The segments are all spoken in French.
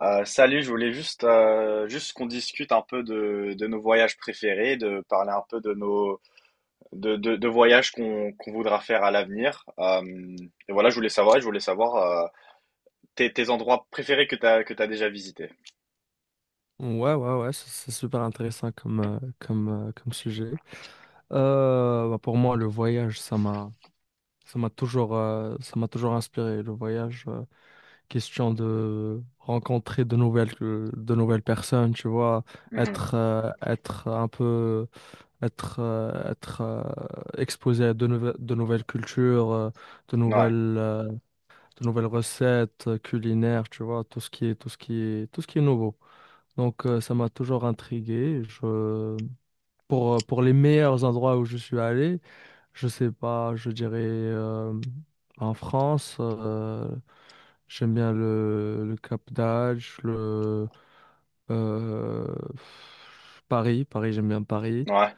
Salut, je voulais juste, juste qu'on discute un peu de nos voyages préférés, de parler un peu de nos de voyages qu'on voudra faire à l'avenir. Et voilà, je voulais savoir tes endroits préférés que t'as déjà visités. Ouais, ouais, ouais, c'est super intéressant comme, comme, comme sujet. Bah, pour moi, le voyage, ça m'a toujours inspiré. Le voyage, question de rencontrer de nouvelles personnes, tu vois, Mhm. Être un peu, être, être exposé à de nouvelles cultures, de Ouais, nouvelles, euh, de nouvelles recettes culinaires, tu vois, tout ce qui est nouveau. Donc, ça m'a toujours intrigué. Je... pour les meilleurs endroits où je suis allé, je sais pas, je dirais en France, j'aime bien le Cap d'Agde, le euh, Paris, j'aime bien Paris. ouais,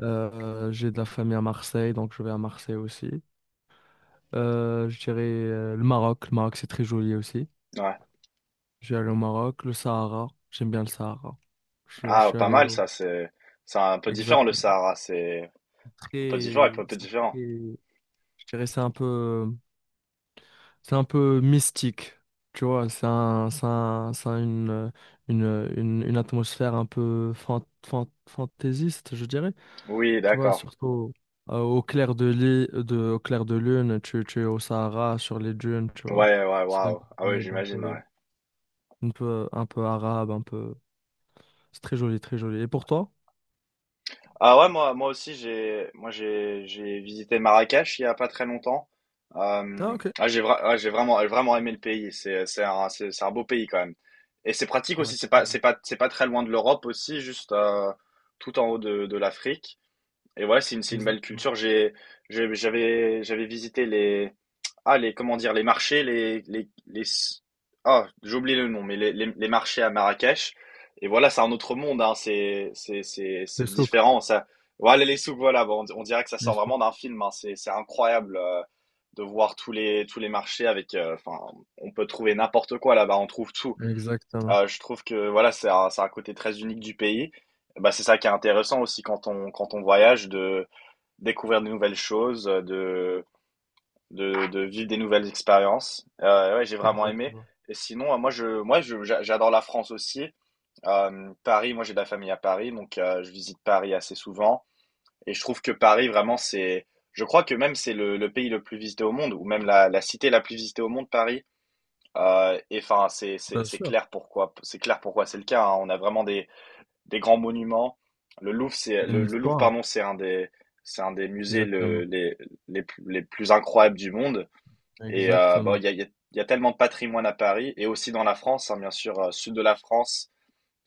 J'ai de la famille à Marseille, donc je vais à Marseille aussi. Je dirais le Maroc c'est très joli aussi. ouais. Je vais aller au Maroc, le Sahara, j'aime bien le Sahara. Je Ah, suis pas allé mal au... ça, c'est un peu différent Exact. le Sahara, c'est un peu différent, très, un peu c'est différent. très- je dirais c'est un peu mystique, tu vois, c'est une, une atmosphère un peu fantaisiste, je dirais, Oui, tu vois, d'accord. surtout au clair de, li- de, au clair de lune, tu es au Sahara, sur les dunes, tu vois, Ouais, ouais, c'est une waouh. Ah ouais, vibe un j'imagine. Ouais. peu, un peu arabe, un peu, c'est très joli, très joli. Et pour toi? Ah ouais, moi aussi, j'ai visité Marrakech il y a pas très longtemps. Ah, ok. Ah, j'ai vra- ah, j'ai vraiment, J'ai vraiment aimé le pays. C'est un beau pays quand même. Et c'est pratique Ouais, aussi. C'est pas très loin de l'Europe aussi, juste tout en haut de l'Afrique. Et ouais, c'est une belle exactement. culture. J'avais visité comment dire, les marchés, les, ah, j'ai oublié le nom, mais les marchés à Marrakech. Et voilà, c'est un autre monde, hein. Les C'est souks. différent. Voilà, les souks, voilà. Bon, on dirait que ça sort vraiment d'un film, hein. C'est incroyable, de voir tous les marchés avec, enfin, on peut trouver n'importe quoi là-bas, on trouve tout. Exactement, Je trouve que, voilà, c'est un côté très unique du pays. Bah, c'est ça qui est intéressant aussi quand on voyage de découvrir de nouvelles choses, de vivre des nouvelles expériences. Ouais, j'ai vraiment aimé. exactement. Et sinon, j'adore la France aussi. Paris, moi, j'ai de la famille à Paris, donc je visite Paris assez souvent. Et je trouve que Paris, vraiment, je crois que même c'est le pays le plus visité au monde, ou même la cité la plus visitée au monde, Paris. Et enfin, Bien c'est sûr, clair pourquoi, c'est clair pourquoi c'est le cas. Hein. On a vraiment des grands monuments. Le Louvre, il y a une le Louvre, histoire. pardon, c'est un des musées Exactement, les plus incroyables du monde. Et bon, exactement, il y a tellement de patrimoine à Paris et aussi dans la France, hein, bien sûr, sud de la France,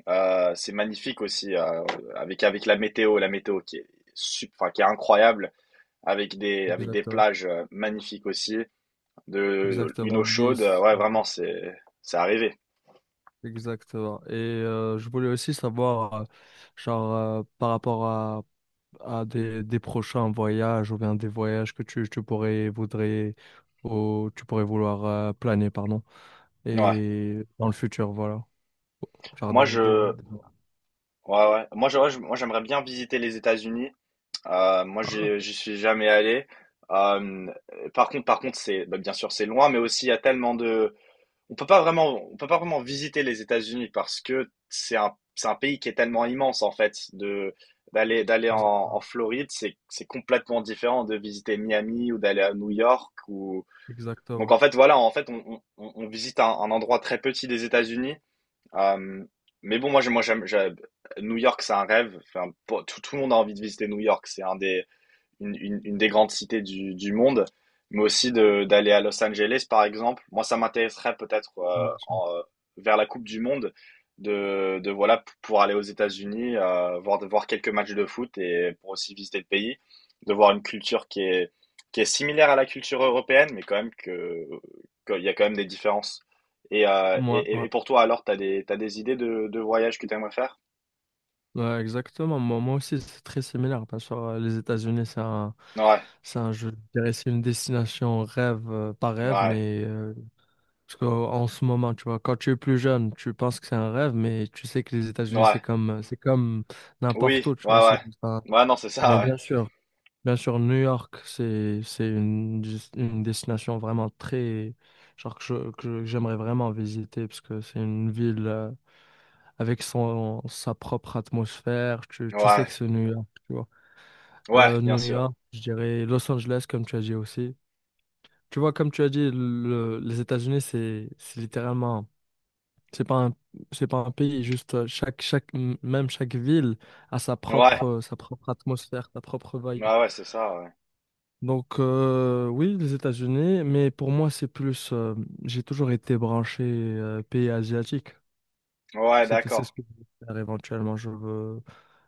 c'est magnifique aussi avec la météo qui est enfin, qui est incroyable, avec des exactement, plages magnifiques aussi, de une eau exactement. chaude, Nice, ouais, vraiment, c'est arrivé. exactement. Et je voulais aussi savoir, genre, par rapport à des prochains voyages ou bien des voyages que tu pourrais, voudrais, ou tu pourrais vouloir planer, pardon, Ouais. et dans le futur, voilà. Genre Moi je des- ouais ouais, moi je- ouais, je- Moi j'aimerais bien visiter les États-Unis. Heu, moi Ah, j'ai ok. j'y suis jamais allé. Hem, Par contre, c'est bah, bien sûr, c'est loin, mais aussi il y a tellement de on peut pas vraiment visiter les États-Unis parce que c'est un pays qui est tellement immense, en fait, de d'aller en Exactement, Floride, c'est complètement différent de visiter Miami ou d'aller à New York ou donc exactement. en fait, voilà, en fait, on visite un endroit très petit des États-Unis. Hem, mais bon, moi, j'ai moi, j'aime j'ai New York, c'est un rêve. Enfin, pour tout le monde a envie de visiter New York. C'est un des une des grandes cités du monde, mais aussi d'aller à Los Angeles, par exemple. Moi, ça m'intéresserait peut-être Bien sûr. Vers la Coupe du Monde de voilà pour aller aux États-Unis, voir de voir quelques matchs de foot et pour aussi visiter le pays, de voir une culture qui est similaire à la culture européenne, mais quand même que qu'il y a quand même des différences. Et, Ouais, ouais. et pour toi, alors, t'as des idées de voyages que t'aimerais faire? Ouais, exactement. Moi, moi aussi, c'est très similaire. Bien sûr, les États-Unis, Ouais, je dirais, c'est une destination rêve, pas rêve, ouais, mais parce qu'en ce moment, tu vois, quand tu es plus jeune, tu penses que c'est un rêve, mais tu sais que les États-Unis, ouais, c'est comme oui, n'importe où, tu vois. ouais, ouais. C'est juste un- Ouais, non, c'est ça, Mais ouais. Bien sûr, New York, c'est une, dis- une destination vraiment très, genre que j'aimerais vraiment visiter parce que c'est une ville. Avec son, sa propre atmosphère. Tu sais que Ouais, c'est New York, tu vois. ouais, bien New sûr. York, je dirais Los Angeles, comme tu as dit aussi. Tu vois, comme tu as dit, les États-Unis, c'est littéralement, c'est pas un, c'est pas un pays, juste même chaque ville a Ouais, sa propre atmosphère, sa propre vibe. ouais, ouais, c'est ça, ouais. Donc, oui, les États-Unis, mais pour moi, c'est plus, j'ai toujours été branché, pays asiatique. Ouais, C'est ce d'accord. que je veux faire éventuellement. Je veux,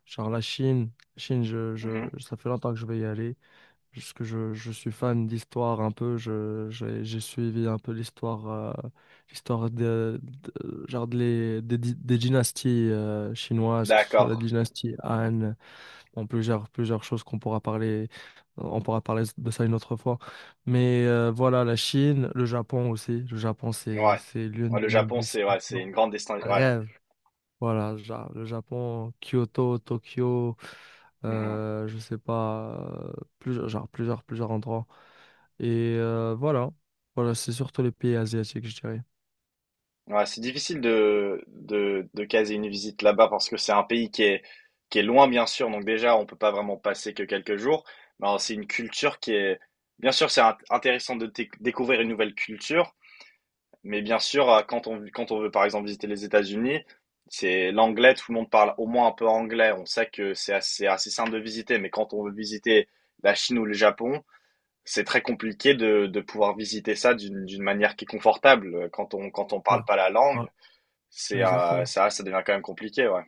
genre la Chine, Chine, Mhm. ça fait longtemps que je vais y aller. Parce que je suis fan d'histoire un peu. Je, j'ai suivi un peu l'histoire, l'histoire genre des, des dynasties chinoises, que ce soit la D'accord. dynastie Han, bon, plusieurs choses qu'on pourra parler, on pourra parler de ça une autre fois. Mais voilà, la Chine, le Japon aussi. Le Japon, Ouais. c'est l'une Ouais, le de mes Japon, c'est ouais, c'est destinations une grande destination. Ouais. rêve. Voilà, le Japon, Kyoto, Tokyo, Mhm. Je sais pas, euh, plusieurs, genre plusieurs endroits. Et voilà, voilà, c'est surtout les pays asiatiques, je dirais. Ouais, c'est difficile de caser une visite là-bas parce que c'est un pays qui est loin, bien sûr. Donc déjà, on peut pas vraiment passer que quelques jours. Mais alors, c'est une culture qui est… Bien sûr, c'est intéressant de découvrir une nouvelle culture. Mais bien sûr, quand on veut par exemple visiter les États-Unis, c'est l'anglais, tout le monde parle au moins un peu anglais. On sait que c'est assez, assez simple de visiter, mais quand on veut visiter la Chine ou le Japon, c'est très compliqué de pouvoir visiter ça d'une manière qui est confortable. Quand on Ouais, parle pas la langue, ouais, exactement. Ça devient quand même compliqué, ouais.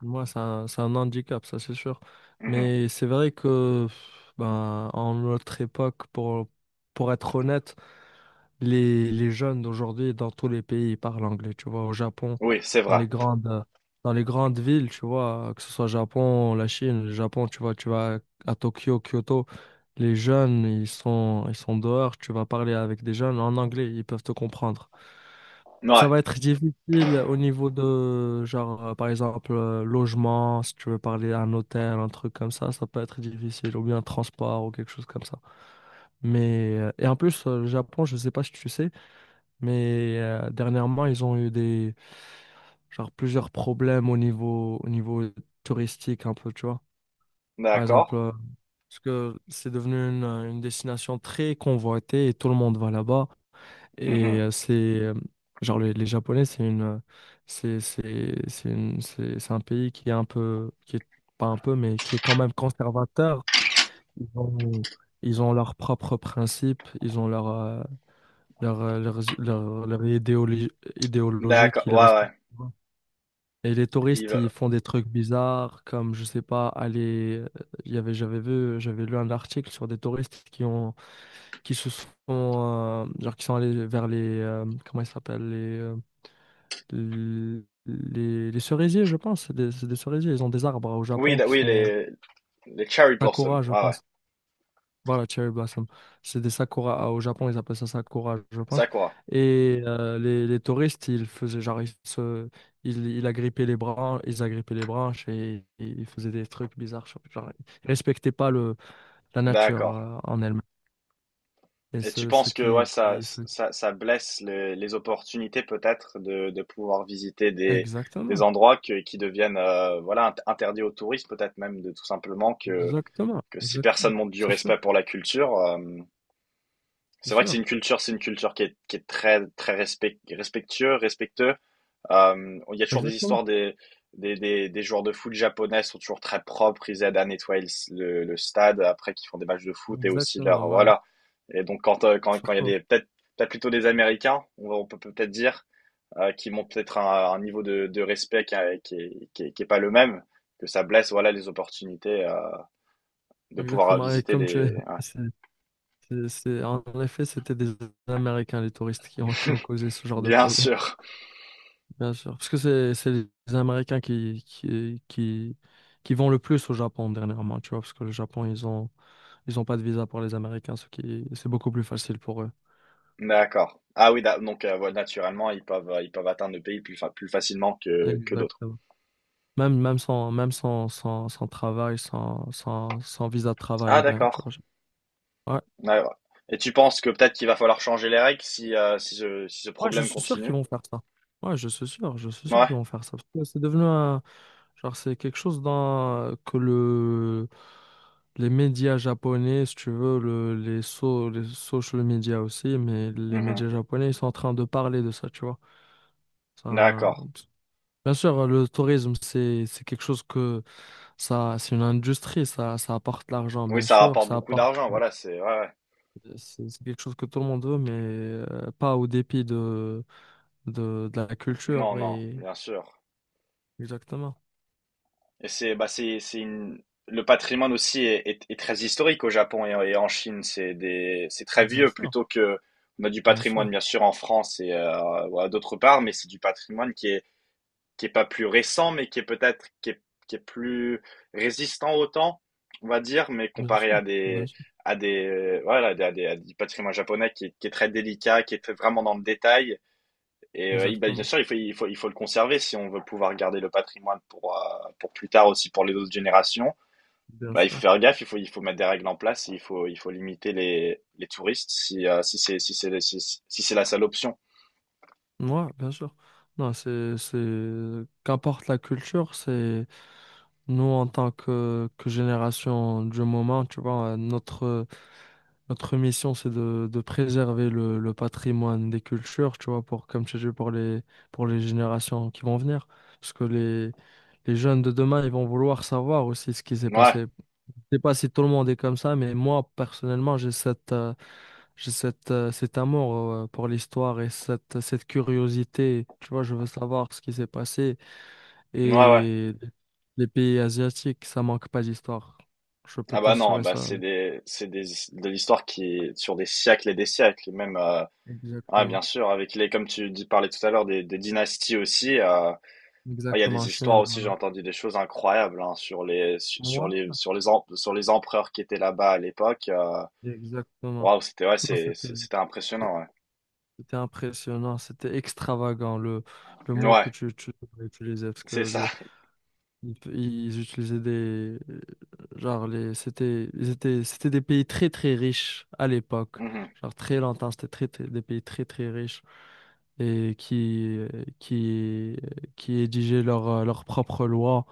Moi, c'est un handicap, ça c'est sûr. Mhm. Mais c'est vrai que, pff, ben, en notre époque, pour être honnête, les jeunes d'aujourd'hui, dans tous les pays, ils parlent anglais, tu vois. Au Japon, Oui, c'est dans vrai. les grandes, dans les grandes villes, tu vois, que ce soit Japon, la Chine, le Japon, tu vois, tu vas à Tokyo, Kyoto, les jeunes, ils sont dehors, tu vas parler avec des jeunes en anglais, ils peuvent te comprendre. Ça Ouais, va être difficile au niveau de, genre, par exemple, logement, si tu veux parler à un hôtel, un truc comme ça peut être difficile, ou bien transport, ou quelque chose comme ça. Mais, et en plus, le Japon, je sais pas si tu sais, mais dernièrement, ils ont eu des genre plusieurs problèmes au niveau touristique un peu, tu vois. Par d'accord. exemple, parce que c'est devenu une destination très convoitée et tout le monde va là-bas. Mhm. Et c'est genre les Japonais, c'est une c'est un pays qui est un peu qui est pas un peu mais qui est quand même conservateur. Ils ont ils ont leurs propres principes, ils ont leur leur, leur idéologie, idéologie D'accord, qu'ils ouais, respectent ouais. pas. Et les Il touristes, ils va- font des trucs bizarres, comme, je sais pas, aller... il y avait, j'avais vu, j'avais lu un article sur des touristes qui ont, qui se sont, genre, qui sont allés vers les, comment ils s'appellent, les, les cerisiers, je pense, c'est des cerisiers, ils ont des arbres au Oui, Japon qui oui, sont les cherry blossoms, sakura, je ouais, ouais. pense. Voilà, Cherry Blossom. C'est des sakura. Au Japon, ils appellent ça sakura, je pense. Ça quoi? Et les touristes, ils faisaient genre, ils agrippaient les branches, ils agrippaient les branches et, ils faisaient des trucs bizarres. Genre, genre, ils respectaient pas le, la nature D'accord. En elle-même. Et Et tu ce, ce penses que ouais, qui. Ce- ça blesse les opportunités peut-être de pouvoir visiter des Exactement. endroits qui deviennent voilà, interdits aux touristes, peut-être même de tout simplement Exactement. que si personne Exactement. montre du C'est respect sûr. pour la culture, C'est c'est vrai que sûr. C'est une culture qui est très, respectueux, il y a toujours des Exactement. histoires des joueurs de foot japonais sont toujours très propres, ils aident à nettoyer le stade après qu'ils font des matchs de foot et aussi Exactement. leur Voilà. voilà. Et donc quand il y a Surtout. des peut-être peut-être plutôt des Américains, on peut peut-être dire qui montrent peut-être un niveau de respect qui est pas le même, que ça blesse voilà les opportunités de pouvoir Exactement. Et visiter comme tu des es. ouais. En effet, c'était des Américains, les touristes, qui ont causé ce genre de Bien problème, sûr. bien sûr. Parce que c'est les Américains qui vont le plus au Japon dernièrement, tu vois, parce que le Japon, ils ont pas de visa pour les Américains, ce qui, c'est beaucoup plus facile pour eux. D'accord. Ah oui, donc voilà, naturellement ils peuvent atteindre le pays plus facilement que d'autres. Exactement. Même, sans travail, sans visa de travail Ah ou rien, tu d'accord. vois. Ouais. Ouais, ouais. Et tu penses que peut-être qu'il va falloir changer les règles si, si ce, si ce Ouais, je problème suis sûr qu'ils continue? vont faire ça. Ouais, je suis sûr Ouais. qu'ils vont faire ça. Parce que c'est devenu un... Genre, c'est quelque chose dans... que le... les médias japonais, si tu veux, le... les social media aussi, mais les Mhm. médias japonais, ils sont en train de parler de ça, tu vois. Ça... D'accord. Bien sûr, le tourisme, c'est quelque chose que ça, c'est une industrie, ça apporte l'argent, Oui, bien ça sûr, rapporte ça beaucoup apporte, d'argent, voilà, c'est… Ouais, ouais. C'est quelque chose que tout le monde veut, mais pas au dépit de la Non, culture non, et bien sûr. exactement. Et c'est… Bah, c'est une… Le patrimoine aussi est, est très historique au Japon et en Chine. C'est des, c'est très Bien vieux sûr, plutôt que… On a du bien patrimoine, sûr, bien sûr, en France et voilà, d'autre part, mais c'est du patrimoine qui est pas plus récent, mais qui est peut-être qui est plus résistant au temps, on va dire, mais bien comparé sûr, à bien des sûr, voilà à des, à du patrimoine japonais qui est très délicat, qui est très vraiment dans le détail. Et bah, bien exactement, sûr, il faut le conserver si on veut pouvoir garder le patrimoine pour plus tard aussi pour les autres générations. bien Bah, il faut sûr. faire gaffe, il faut mettre des règles en place, il faut limiter les touristes si si c'est si, si c'est la seule option. Moi, bien sûr. Non, c'est, qu'importe la culture, c'est nous en tant que génération du moment, tu vois, notre, notre mission, c'est de préserver le patrimoine des cultures, tu vois, pour, comme tu dis, pour les générations qui vont venir. Parce que les jeunes de demain, ils vont vouloir savoir aussi ce qui s'est Ouais, passé. Je sais pas si tout le monde est comme ça, mais moi, personnellement, j'ai cette, cet amour pour l'histoire et cette, cette curiosité. Tu vois, je veux savoir ce qui s'est passé. ouais, ouais. Et les pays asiatiques, ça manque pas d'histoire. Je peux Ah bah non, t'assurer bah ça. C'est des, de l'histoire qui est sur des siècles, et même, ah Exactement. bien sûr, avec les, comme tu dis, parlais tout à l'heure, des dynasties aussi, ouais, il y a Exactement, en des histoires Chine, aussi, j'ai voilà. entendu des choses incroyables, hein, sur sur Moi, sur les, sur les empereurs qui étaient là-bas à l'époque, exactement. waouh, Non, c'était, c'était impressionnant, ouais. c'était impressionnant, c'était extravagant, le mot que Ouais, tu devrais utiliser, parce c'est ça. que Ils, ils utilisaient des genre les c'était ils étaient c'était des pays très très riches à l'époque. Mhm, Genre très longtemps, des pays très très riches et qui qui rédigeaient leur leur propre loi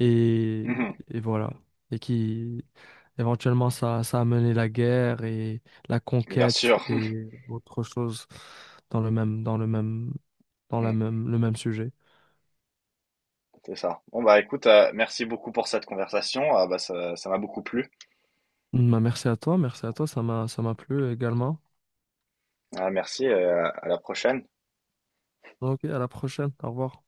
et mhm, et voilà et qui éventuellement ça a mené la guerre et la bien conquête sûr, et autre chose dans le même dans la Mhm, même le même sujet. c'est ça. Bon bah écoute, merci beaucoup pour cette conversation. Ah bah ça, ça m'a beaucoup plu. Bah, merci à toi, ça m'a plu également. Ah, merci, à la prochaine. Ok, à la prochaine, au revoir.